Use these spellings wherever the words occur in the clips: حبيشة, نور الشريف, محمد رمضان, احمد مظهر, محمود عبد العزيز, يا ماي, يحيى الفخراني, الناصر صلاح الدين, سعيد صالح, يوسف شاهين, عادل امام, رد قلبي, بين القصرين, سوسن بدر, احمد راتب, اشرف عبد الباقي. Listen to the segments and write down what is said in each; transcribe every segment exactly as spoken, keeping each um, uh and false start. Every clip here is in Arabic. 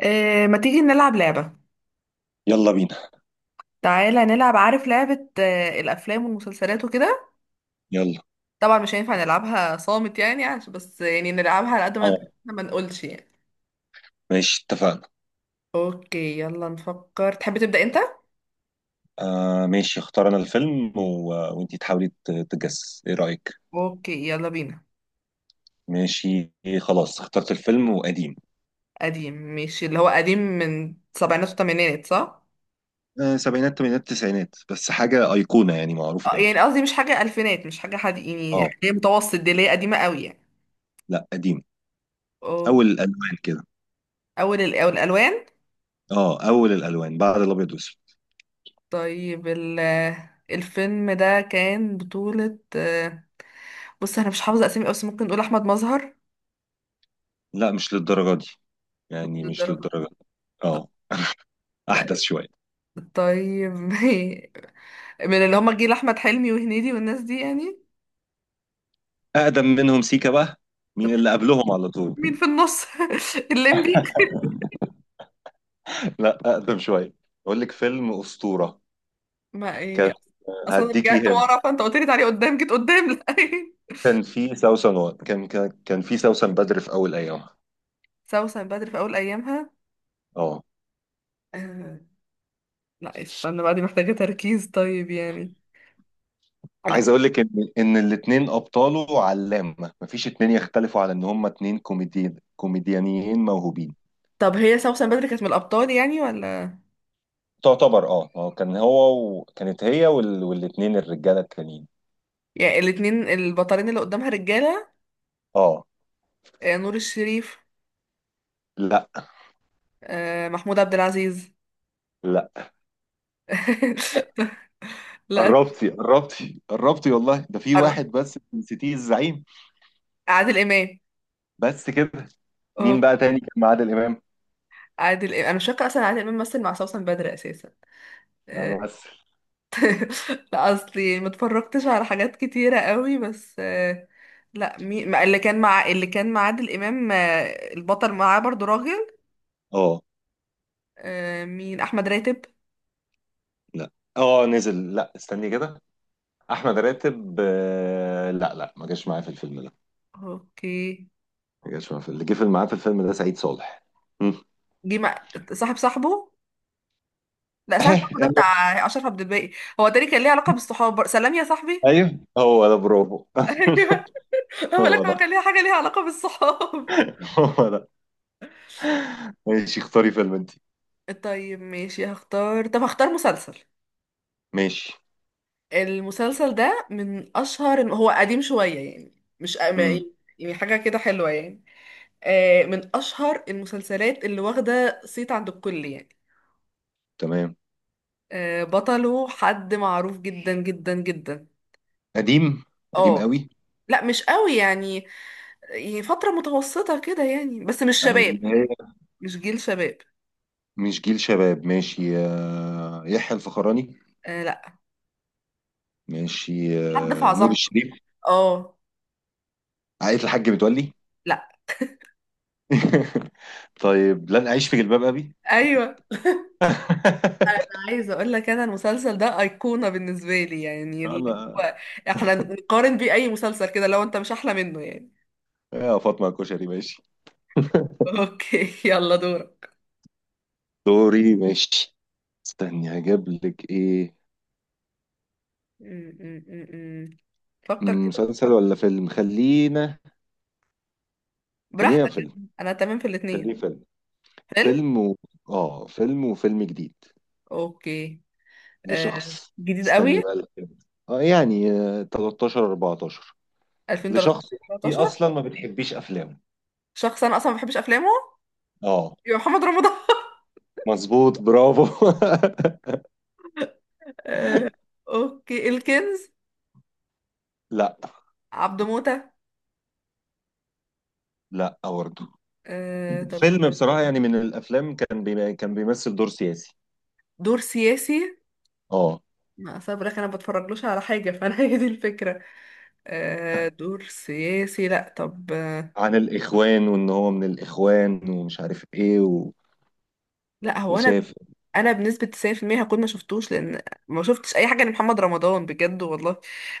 آه، ما تيجي نلعب لعبة. يلا بينا. تعالى نلعب، عارف لعبة آه، الأفلام والمسلسلات وكده. يلا. طبعا مش هينفع نلعبها صامت يعني، عشان بس يعني نلعبها على قد ما نقدر، اه، إحنا ما نقولش يعني. ماشي اتفقنا. اوكي يلا نفكر، تحب تبدأ انت؟ آه ماشي، اختار انا الفيلم و... وانتي تحاولي ت- تجس، ايه رأيك؟ اوكي يلا بينا. ماشي. خلاص اخترت الفيلم وقديم. قديم ماشي، اللي هو قديم من سبعينات وثمانينات صح؟ آه سبعينات تمانينات تسعينات، بس حاجة أيقونة يعني معروفة آه، قوي. يعني قصدي مش حاجة ألفينات، مش حاجة حد يعني اه، حاجة متوسط، دي اللي هي قديمة قوي يعني. لا قديم. أول أوكي. الألوان كده. أول الأول الألوان. اه، أول الألوان بعد الأبيض والأسود. طيب ال- الفيلم ده كان بطولة آه، بص انا مش حافظه اسامي قوي، بس ممكن نقول احمد مظهر. لا مش للدرجة دي، يعني مش للدرجة. للدرجة دي. اه، لا. أحدث شوية. طيب من اللي هما جيل احمد حلمي وهنيدي والناس دي يعني. أقدم منهم سيكا بقى، طب مين اللي مين، قبلهم على طول. مين في النص؟ الليمبي. لا، أقدم شوية. أقول لك فيلم أسطورة ما كان. يعني اصلا هديكي رجعت هنا. ورا فانت قلت لي تعالي قدام، جيت قدام، لا كان في سوسن و... كان كان كان في سوسن بدر في اول ايامها. سوسن بدر في اول ايامها. اه، آه، لا استنى بقى، دي محتاجه تركيز طيب يعني. لا. عايز اقول لك ان ان الاثنين ابطاله علامه، مفيش اتنين يختلفوا على ان هما اتنين كوميدي كوميديانيين موهوبين. طب هي سوسن بدر كانت من الابطال يعني ولا؟ تعتبر، اه، هو كان هو وكانت هي وال... والاثنين الرجاله التانيين. يعني الاتنين البطلين اللي قدامها رجاله. اه. آه، نور الشريف. لا، آه، محمود عبد العزيز. لا. لا. قربتي قربتي قربتي، والله ده في أر- واحد بس نسيتيه، الزعيم. عادل امام. بس كده. مين أهو، بقى تاني كان معاه عادل امام؟ عادل امام انا مش فاكره اصلا عادل امام مثل مع سوسن بدر اساسا. انا آه، بس. لا اصلي ما اتفرجتش على حاجات كتيره قوي بس. آه، لا مي... ما- اللي كان مع اللي كان مع عادل امام. آه، البطل معاه برضو راجل. اه. آه، مين، احمد راتب؟ لا، اه نزل، لا استني كده، احمد راتب، آه، لا لا، ما جاش معايا في الفيلم ده. اوكي. ما جاش معايا في اللي جه في معاه في الفيلم ده، سعيد صالح. مم. جه مع صاحب صاحبه لا، صاحب صاحبه ده بتاع اشرف عبد الباقي. هو تاني كان ليه علاقه بالصحاب، سلام يا صاحبي ايوه هو ده، برافو. ايوه، هو هو لك هو ده. كان ليه حاجه ليها علاقه بالصحاب. هو ده. ماشي اختاري فيلم انت. طيب ماشي هختار، طب هختار مسلسل. ماشي. المسلسل ده من اشهر، إن هو قديم شوية يعني. مش ما- امم يعني، يعني حاجة كده حلوة يعني. آه، من اشهر المسلسلات اللي واخدة صيت عند الكل يعني. تمام. آه، بطله حد معروف جدا جدا جدا. قديم. قديم اه، قوي. لا مش قوي يعني. يعني فترة متوسطة كده يعني، بس مش يعني اللي شباب هي، يعني، مش جيل شباب. مش جيل شباب، ماشي. آه، يحيى الفخراني. آه لا. ماشي. حد في آه، نور عظمته كده. الشريف. اه. عائلة الحاج متولي. لا. طيب، لن أعيش في جلباب أبي. ايوه. عايزه اقول لك انا المسلسل ده ايقونه بالنسبه لي، يعني اللي انا. هو احنا نقارن بيه اي مسلسل كده لو انت مش احلى منه يعني. يا فاطمه الكشري ماشي. اوكي يلا دورك. دوري ماشي. استني هجيب لك ايه. م- م- م- م. فكر مم، كده. مسلسل ولا فيلم؟ خلينا، خلينا براحتك. فيلم. انا تمام في الاثنين. خليه فيلم. فيلم. فيلم و... اه فيلم، وفيلم جديد اوكي. آه. لشخص. جديد استني قوي. بقى الفيلم. اه يعني آه، تلتاشر اربعتاشر ألفين وتلتاشر. لشخص. انت تلتاشر. اصلا ما بتحبيش افلامه. شخص انا اصلا ما بحبش افلامه، اه يبقى محمد رمضان مظبوط، برافو. آه. اوكي، الكنز. لا. عبده موتة. لا برضه. آه. طب. فيلم بصراحة يعني من الافلام، كان بي... كان بيمثل دور سياسي. دور سياسي. اه، ما صبرك، انا بتفرجلوش على حاجه فانا هي دي الفكره. آه دور سياسي، لا طب آه. عن الاخوان وان هو من الاخوان ومش عارف ايه. لا هو انا وسافر. انا بنسبة تسعين بالمية هكون ما شفتوش، لان ما شفتش اي حاجة لمحمد رمضان بجد والله.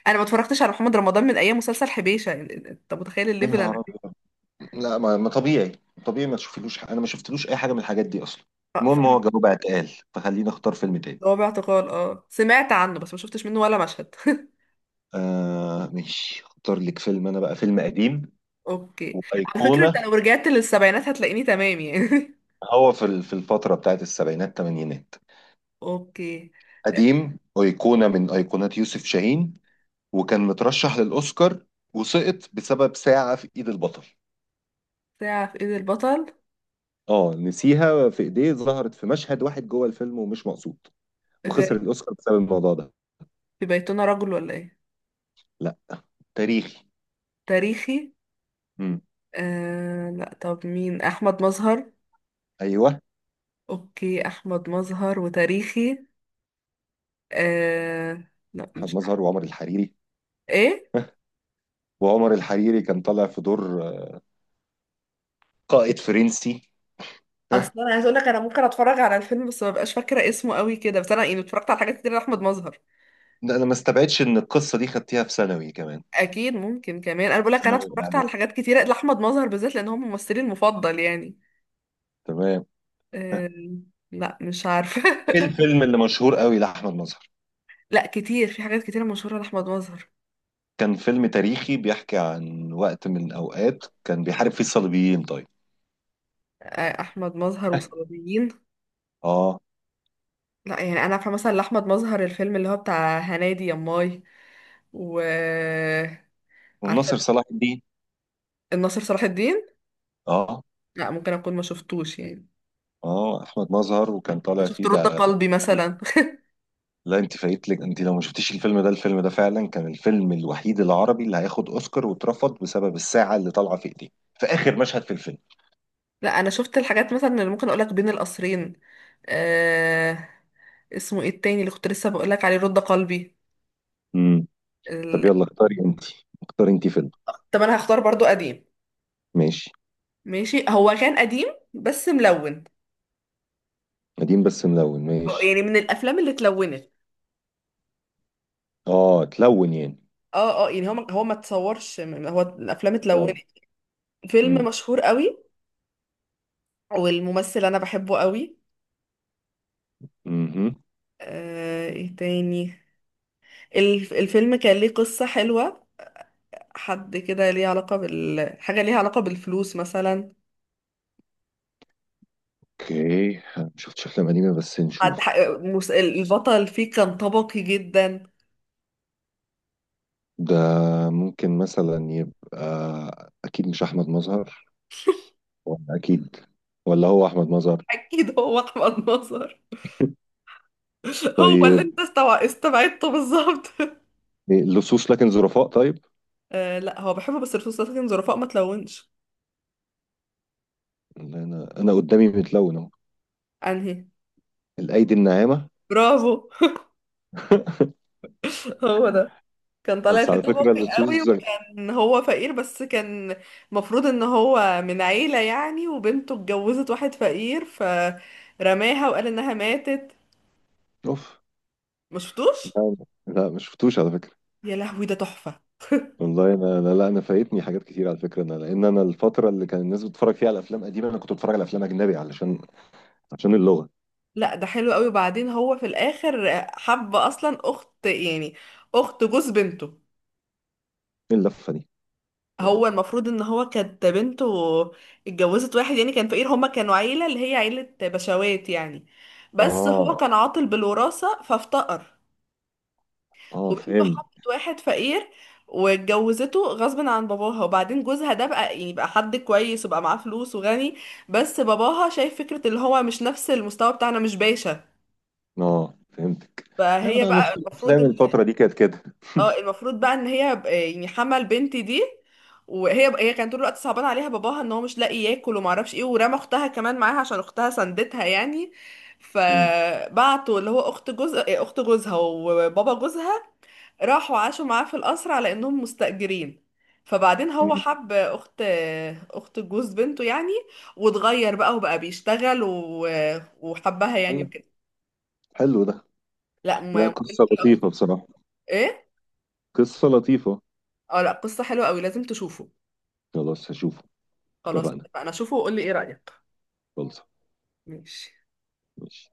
انا ما اتفرجتش على محمد رمضان من ايام مسلسل حبيشة، يعني انت متخيل يا الليفل انا نهار فيه؟ ابيض. لا، ما ما طبيعي. طبيعي ما تشوفلوش، ح- انا ما شفتلوش اي حاجه من الحاجات دي اصلا. اه المهم هو فاهم. جوابها اتقال، فخليني اختار فيلم تاني. هو باعتقال، اه سمعت عنه بس ما شفتش منه ولا مشهد آه ماشي، اختار لك فيلم انا بقى، فيلم قديم اوكي. على فكرة انت وايقونه. لو رجعت للسبعينات هتلاقيني تمام يعني. هو في ال- في الفتره بتاعت السبعينات الثمانينات. اوكي. قديم، ايقونه من ايقونات يوسف شاهين. وكان مترشح للاوسكار، وسقط بسبب ساعه في ايد البطل. ساعة في ايد البطل. اه، نسيها في ايديه، ظهرت في مشهد واحد جوه الفيلم، ومش مقصود. وخسر غريب. الاوسكار بسبب الموضوع ده. في بيتنا رجل ولا ايه؟ لا، تاريخي. تاريخي. امم آه لا، طب مين، احمد مظهر؟ ايوه، اوكي احمد مظهر وتاريخي. آه... لا احمد مش مظهر وعمر الحريري. ايه. وعمر الحريري كان طالع في دور قائد فرنسي. ها، اصلا انا عايز اقول لك انا ممكن اتفرج على الفيلم بس ما بقاش فاكره اسمه قوي كده، بس انا يعني اتفرجت على حاجات كتير لاحمد مظهر. ده انا ما استبعدش ان القصه دي خدتيها في ثانوي كمان. اكيد ممكن كمان، انا بقول لك انا ثانوي اتفرجت إعدادي. على حاجات كتير لاحمد مظهر بالذات لان هو ممثلي المفضل يعني. تمام. آه... لا مش عارفه. ايه الفيلم اللي مشهور قوي لاحمد مظهر؟ لا كتير، في حاجات كتير مشهوره لاحمد مظهر. كان فيلم تاريخي بيحكي عن وقت من الاوقات كان بيحارب فيه الصليبيين، طيب. آه... احمد مظهر وصليبيين. اه، لا، يعني انا عارفه مثلا لاحمد مظهر الفيلم اللي هو بتاع هنادي يا ماي، و آه، عارفه والناصر صلاح الدين. الناصر صلاح الدين. اه. لا ممكن اكون ما شفتوش يعني. اه، احمد مظهر، وكان انا طالع شفت فيه رد ده. قلبي مثلا لا انت فايتلك، انت لو ما شفتيش الفيلم ده، الفيلم ده فعلا كان الفيلم الوحيد العربي اللي هياخد اوسكار واترفض، بسبب الساعة اللي طالعة في ايديه في اخر مشهد في الفيلم. لا انا شفت الحاجات مثلا اللي ممكن اقولك بين القصرين. آه... اسمه ايه التاني اللي كنت لسه بقولك عليه، رد قلبي. امم طب ال... يلا اختاري انت. اختاري انت فيلم. طب انا هختار برضو قديم. ماشي. ماشي، هو كان قديم بس ملون. قديم بس ملون، آه، ماشي. يعني من الافلام اللي اتلونت. اه تلون يعني. اه اه، يعني هو ما- هو ما اتصورش، م- هو الافلام اتلونت. تلون. فيلم امم مشهور قوي. والممثل انا بحبه قوي. امم آه... ايه تاني؟ الف... الفيلم كان ليه قصة حلوة. حد كده ليه علاقة بال، حاجة ليها علاقة بالفلوس مثلا. اوكي، أنا ما شفتش افلام قديمة، بس حد ح... نشوف. مس... البطل فيه كان طبقي جدا. ده ممكن مثلا يبقى، اكيد مش احمد مظهر. ولا اكيد. ولا هو احمد مظهر. أكيد هو أحمد نصر هو اللي طيب. أنت استوع... استبعدته بالظبط. إيه، لصوص لكن ظرفاء، طيب. آه لا، هو بحبه بس الفلوس لكن ظرفاء ما تلونش. اللي انا، انا قدامي متلون اهو. أنهي؟ الايدي الناعمه. برافو. هو ده. كان طالع بس فيه على فكره طبقي قوي، اللصوص. وكان هو فقير بس كان المفروض ان هو من عيلة يعني. وبنته اتجوزت واحد فقير فرماها وقال انها ماتت. اوف. مشفتوش؟ لا. لا ما شفتوش على فكره. يا لهوي ده تحفة. والله انا، لا, لا انا فايتني حاجات كتير على فكره، انا لان انا الفتره اللي كان الناس بتتفرج فيها على افلام قديمه انا كنت بتفرج على افلام اجنبي علشان، عشان اللغه. لا ده حلو قوي، وبعدين هو في الاخر حب اصلا اخت يعني، اخت جوز بنته. ايه اللفه دي؟ أخ. هو المفروض ان هو كانت بنته اتجوزت واحد يعني كان فقير، هما كانوا عيلة اللي هي عيلة بشوات يعني، بس هو اه. كان عاطل بالوراثة فافتقر. اه وبنته فهمت. حبت واحد فقير واتجوزته غصب عن باباها، وبعدين جوزها ده بقى يعني بقى حد كويس وبقى معاه فلوس وغني. بس باباها شايف فكرة اللي هو مش نفس المستوى بتاعنا، مش باشا. اه فهمتك. ايوه فهي انا بقى نص المفروض الافلام ان، الفتره دي كانت كده. اه المفروض بقى ان هي ب- يعني حمل بنتي دي. وهي هي كانت طول الوقت صعبان عليها باباها ان هو مش لاقي ياكل وما اعرفش ايه، ورمى اختها كمان معاها عشان اختها سندتها يعني. مم. فبعتوا اللي هو اخت جوز إيه، اخت جوزها وبابا جوزها راحوا عاشوا معاه في القصر على انهم مستأجرين. فبعدين هو مم. حب اخت، اخت جوز بنته يعني. واتغير بقى وبقى بيشتغل و... وحبها يعني الله، وكده. حلو ده. لا لا ما. قصه لطيفه بصراحه. ايه. قصه لطيفه. اه لا، قصة حلوة قوي لازم تشوفه. خلاص هشوفه. خلاص اتفقنا. اتفقنا، شوفه وقول لي ايه رأيك. خلص. ماشي. ماشي.